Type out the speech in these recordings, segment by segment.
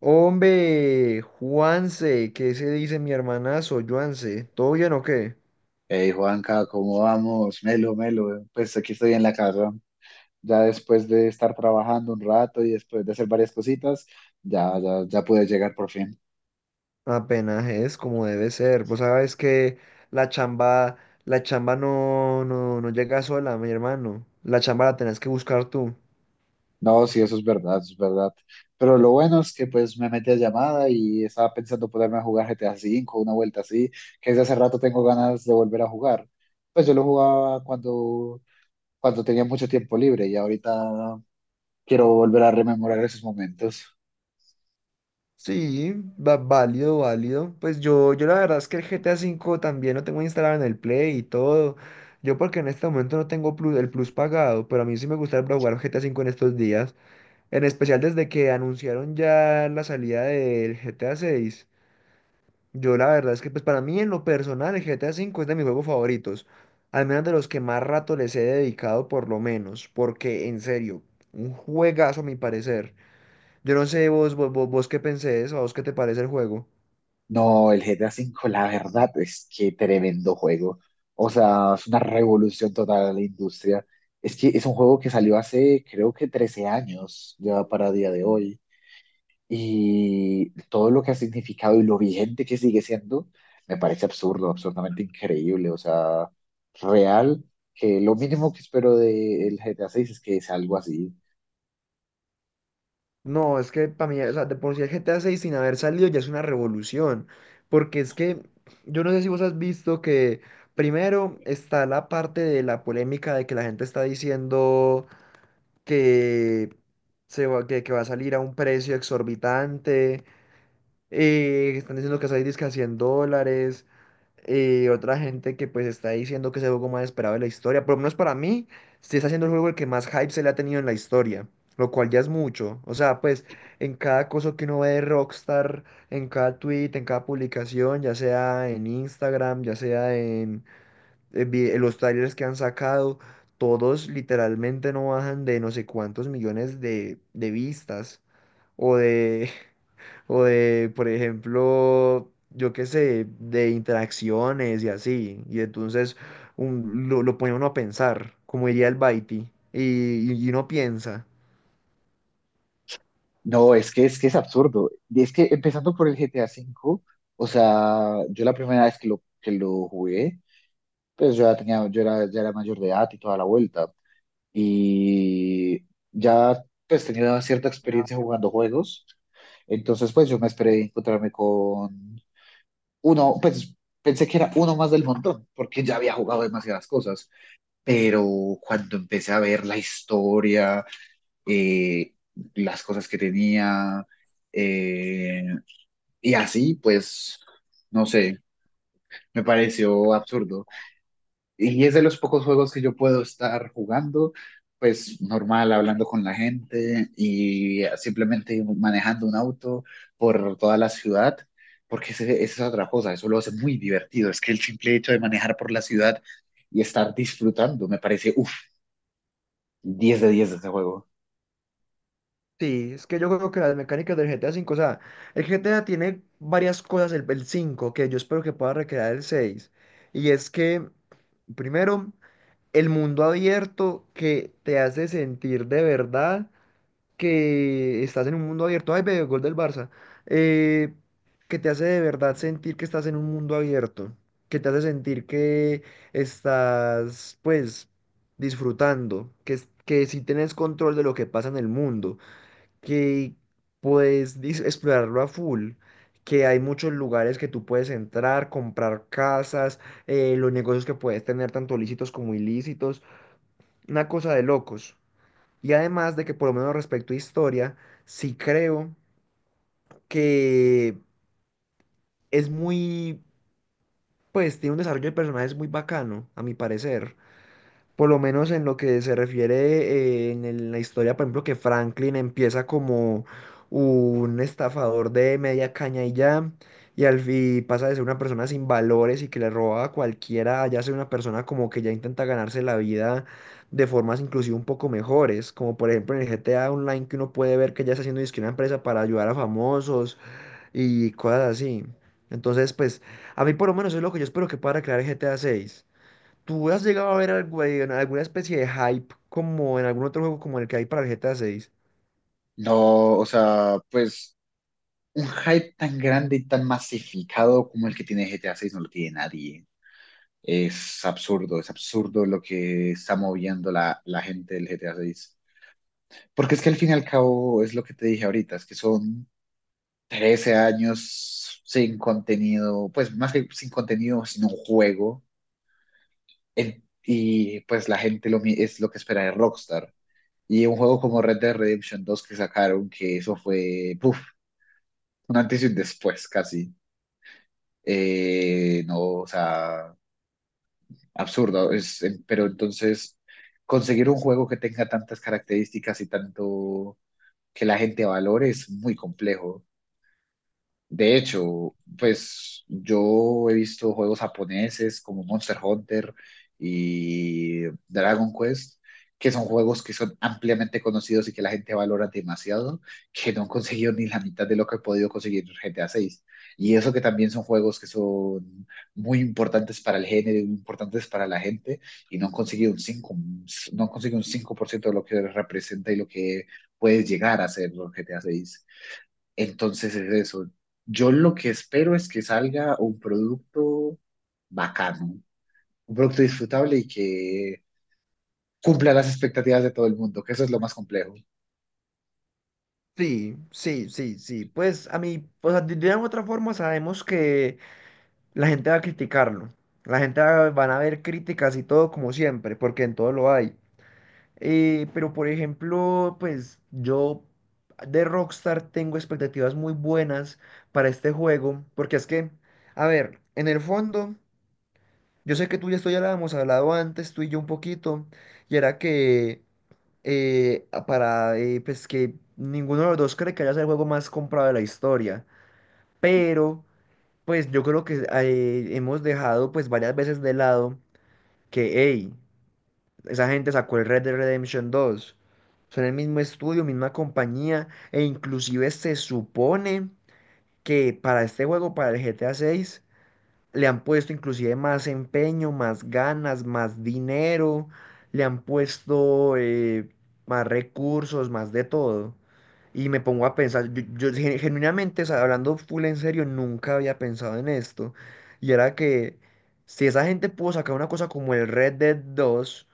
Hombre, Juanse, ¿qué se dice mi hermanazo, Juanse? ¿Todo bien o qué? Hey Juanca, ¿cómo vamos? Melo, melo. Pues aquí estoy en la casa, ya después de estar trabajando un rato y después de hacer varias cositas, ya pude llegar por fin. Apenas es como debe ser. Vos sabes que la chamba, la chamba no llega sola, mi hermano. La chamba la tenés que buscar tú. No, sí, eso es verdad, eso es verdad. Pero lo bueno es que pues me metí a llamada y estaba pensando ponerme a jugar GTA V, una vuelta así, que desde hace rato tengo ganas de volver a jugar. Pues yo lo jugaba cuando tenía mucho tiempo libre y ahorita quiero volver a rememorar esos momentos. Sí, válido, válido. Pues yo la verdad es que el GTA V también lo tengo instalado en el Play y todo. Yo porque en este momento no tengo el plus pagado, pero a mí sí me gustaría jugar GTA V en estos días. En especial desde que anunciaron ya la salida del GTA 6. Yo la verdad es que pues para mí en lo personal el GTA 5 es de mis juegos favoritos. Al menos de los que más rato les he dedicado por lo menos. Porque en serio, un juegazo a mi parecer. Yo no sé vos qué pensés o a vos qué te parece el juego. No, el GTA 5, la verdad es que tremendo juego. O sea, es una revolución total a la industria. Es que es un juego que salió hace, creo que 13 años, ya para día de hoy. Y todo lo que ha significado y lo vigente que sigue siendo, me parece absurdo, absolutamente increíble. O sea, real, que lo mínimo que espero del GTA 6 es que sea algo así. No, es que para mí, o sea, de por sí el G T A 6 sin haber salido ya es una revolución, porque es que yo no sé si vos has visto que primero está la parte de la polémica de que la gente está diciendo que, que va a salir a un precio exorbitante, están diciendo que esa disque a $100. Y otra gente que pues está diciendo que es el juego más esperado de la historia. Por lo menos para mí, sí está siendo el juego el que más hype se le ha tenido en la historia. Lo cual ya es mucho. O sea, pues en cada cosa que uno ve de Rockstar, en cada tweet, en cada publicación, ya sea en Instagram, ya sea en los trailers que han sacado, todos literalmente no bajan de no sé cuántos millones de vistas o de, o de, por ejemplo, yo qué sé, de interacciones y así. Y entonces lo pone uno a pensar, como diría el Baiti. Y uno piensa. No, es que es absurdo. Y es que empezando por el GTA 5, o sea, yo la primera vez que lo jugué, pues yo ya tenía, yo era, ya era mayor de edad y toda la vuelta. Y ya pues tenía una cierta experiencia jugando juegos. Entonces, pues yo me esperé encontrarme con uno, pues pensé que era uno más del montón, porque ya había jugado demasiadas cosas. Pero cuando empecé a ver la historia, eh, las cosas que tenía, eh, y así, pues, no sé, me pareció absurdo. Y es de los pocos juegos que yo puedo estar jugando, pues normal, hablando con la gente y simplemente manejando un auto por toda la ciudad, porque esa es otra cosa, eso lo hace muy divertido. Es que el simple hecho de manejar por la ciudad y estar disfrutando, me parece, uff, 10 de 10 de este juego. Sí, es que yo creo que las mecánicas del GTA V, o sea, el GTA tiene varias cosas, el 5 que yo espero que pueda recrear el seis. Y es que, primero, el mundo abierto que te hace sentir de verdad que estás en un mundo abierto. Ay, ve, gol del Barça. Eh, que te hace de verdad sentir que estás en un mundo abierto. Que te hace sentir que estás, pues, disfrutando. Que si tienes control de lo que pasa en el mundo. Que puedes explorarlo a full. Que hay muchos lugares que tú puedes entrar, comprar casas, los negocios que puedes tener, tanto lícitos como ilícitos, una cosa de locos. Y además de que por lo menos respecto a historia, sí creo que es muy, pues tiene un desarrollo de personajes muy bacano, a mi parecer. Por lo menos en lo que se refiere la historia, por ejemplo, que Franklin empieza como un estafador de media caña y ya, y al fin pasa de ser una persona sin valores y que le roba a cualquiera, a ya ser una persona como que ya intenta ganarse la vida de formas inclusive un poco mejores, como por ejemplo en el GTA Online que uno puede ver que ya está haciendo dizque una empresa para ayudar a famosos y cosas así. Entonces, pues, a mí por lo menos es lo que yo espero que pueda crear GTA seis. ¿Tú has llegado a ver algo, en alguna especie de hype como en algún otro juego como el que hay para el GTA 6? No, o sea, pues un hype tan grande y tan masificado como el que tiene GTA 6 no lo tiene nadie. Es absurdo lo que está moviendo la gente del GTA 6. Porque es que al fin y al cabo es lo que te dije ahorita, es que son 13 años sin contenido, pues más que sin contenido, sin un juego. En- y pues la gente es lo que espera de Rockstar. Y un juego como Red Dead Redemption 2 que sacaron, que eso fue, puf, un antes y un después casi. No, o sea, absurdo. Es, pero entonces, conseguir un juego que tenga tantas características y tanto que la gente valore es muy complejo. De hecho, pues yo he visto juegos japoneses como Monster Hunter y Dragon Quest, que son juegos que son ampliamente conocidos y que la gente valora demasiado, que no han conseguido ni la mitad de lo que he podido conseguir GTA 6. Y eso que también son juegos que son muy importantes para el género, y muy importantes para la gente, y no han conseguido un 5 no han conseguido un 5% de lo que representa y lo que puedes llegar a ser GTA 6. Entonces es eso. Yo lo que espero es que salga un producto bacano, un producto disfrutable y que cumpla las expectativas de todo el mundo, que eso es lo más complejo. Sí, sí, sí, sí. Pues a mí, o sea, de una u otra forma sabemos que la gente va a criticarlo. La gente van a ver críticas y todo como siempre, porque en todo lo hay. Pero por ejemplo, pues yo de Rockstar tengo expectativas muy buenas para este juego, porque es que, a ver, en el fondo. Yo sé que tú y esto ya lo habíamos hablado antes, tú y yo un poquito, y era que a- para pues que ninguno de los dos cree que haya sido el juego más comprado de la historia, pero pues yo creo que hemos dejado pues varias veces de lado que, hey, esa gente sacó el Red Dead Redemption dos, son el mismo estudio, misma compañía, e inclusive se supone que para este juego, para el GTA 6, le han puesto inclusive más empeño, más ganas, más dinero, le han puesto más recursos, más de todo. Y me pongo a pensar, yo, genuinamente, o sea, hablando full en serio, nunca había pensado en esto. Y era que si esa gente pudo sacar una cosa como el Red Dead dos,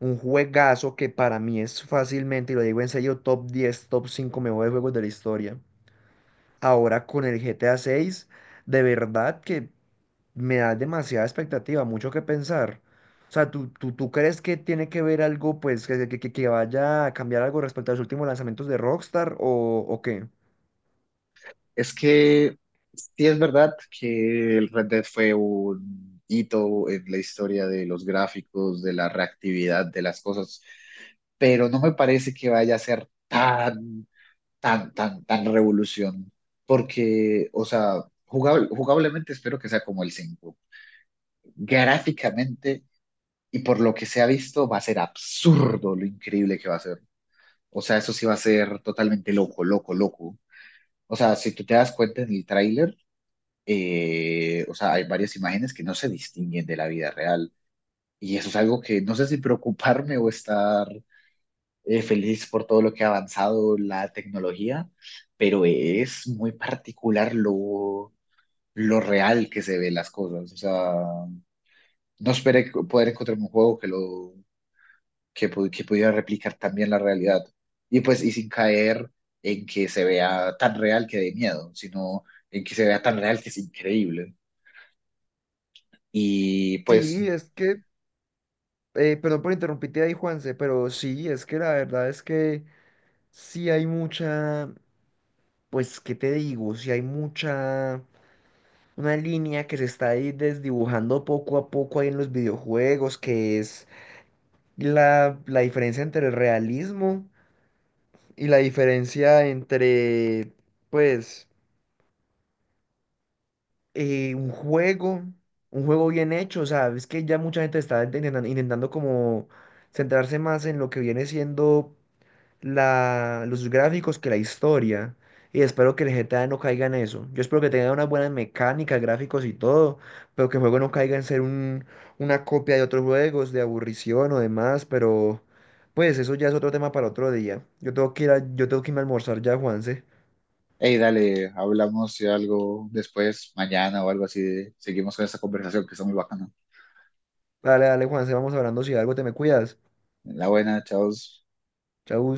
un juegazo que para mí es fácilmente, y lo digo en serio, top 10 top 5 mejores juegos de la historia. Ahora con el GTA 6, de verdad que me da demasiada expectativa, mucho que pensar. O sea, ¿tú crees que tiene que ver algo, pues, que vaya a cambiar algo respecto a los últimos lanzamientos de Rockstar o qué? Es que sí es verdad que el Red Dead fue un hito en la historia de los gráficos, de la reactividad de las cosas, pero no me parece que vaya a ser tan revolución, porque, o sea, jugablemente espero que sea como el 5 gráficamente y por lo que se ha visto va a ser absurdo lo increíble que va a ser. O sea, eso sí va a ser totalmente loco, loco, loco. O sea, si tú te das cuenta en el tráiler, o sea, hay varias imágenes que no se distinguen de la vida real. Y eso es algo que no sé si preocuparme o estar feliz por todo lo que ha avanzado la tecnología, pero es muy particular lo real que se ve las cosas. O sea, no esperé poder encontrar un juego que que pudiera replicar también la realidad. Y pues, y sin caer en que se vea tan real que dé miedo, sino en que se vea tan real que es increíble. Y pues, Sí, es que, perdón por interrumpirte ahí, Juanse, pero sí, es que la verdad es que sí hay mucha, pues, ¿qué te digo? Sí hay mucha, una línea que se está ahí desdibujando poco a poco ahí en los videojuegos, que es la diferencia entre el realismo y la diferencia entre, pues, eh, un juego, un juego bien hecho, o sea, es que ya mucha gente está intentando como centrarse más en lo que viene siendo los gráficos que la historia. Y espero que el GTA no caiga en eso. Yo espero que tenga unas buenas mecánicas, gráficos y todo, pero que el juego no caiga en ser una copia de otros juegos, de aburrición o demás, pero pues eso ya es otro tema para otro día. Yo tengo que irme a almorzar ya, Juanse. hey, dale, hablamos de algo después, mañana o algo así, seguimos con esta conversación que está muy bacana. Dale, dale, Juanse, vamos hablando si algo te me cuidas. La buena, chao. Chau.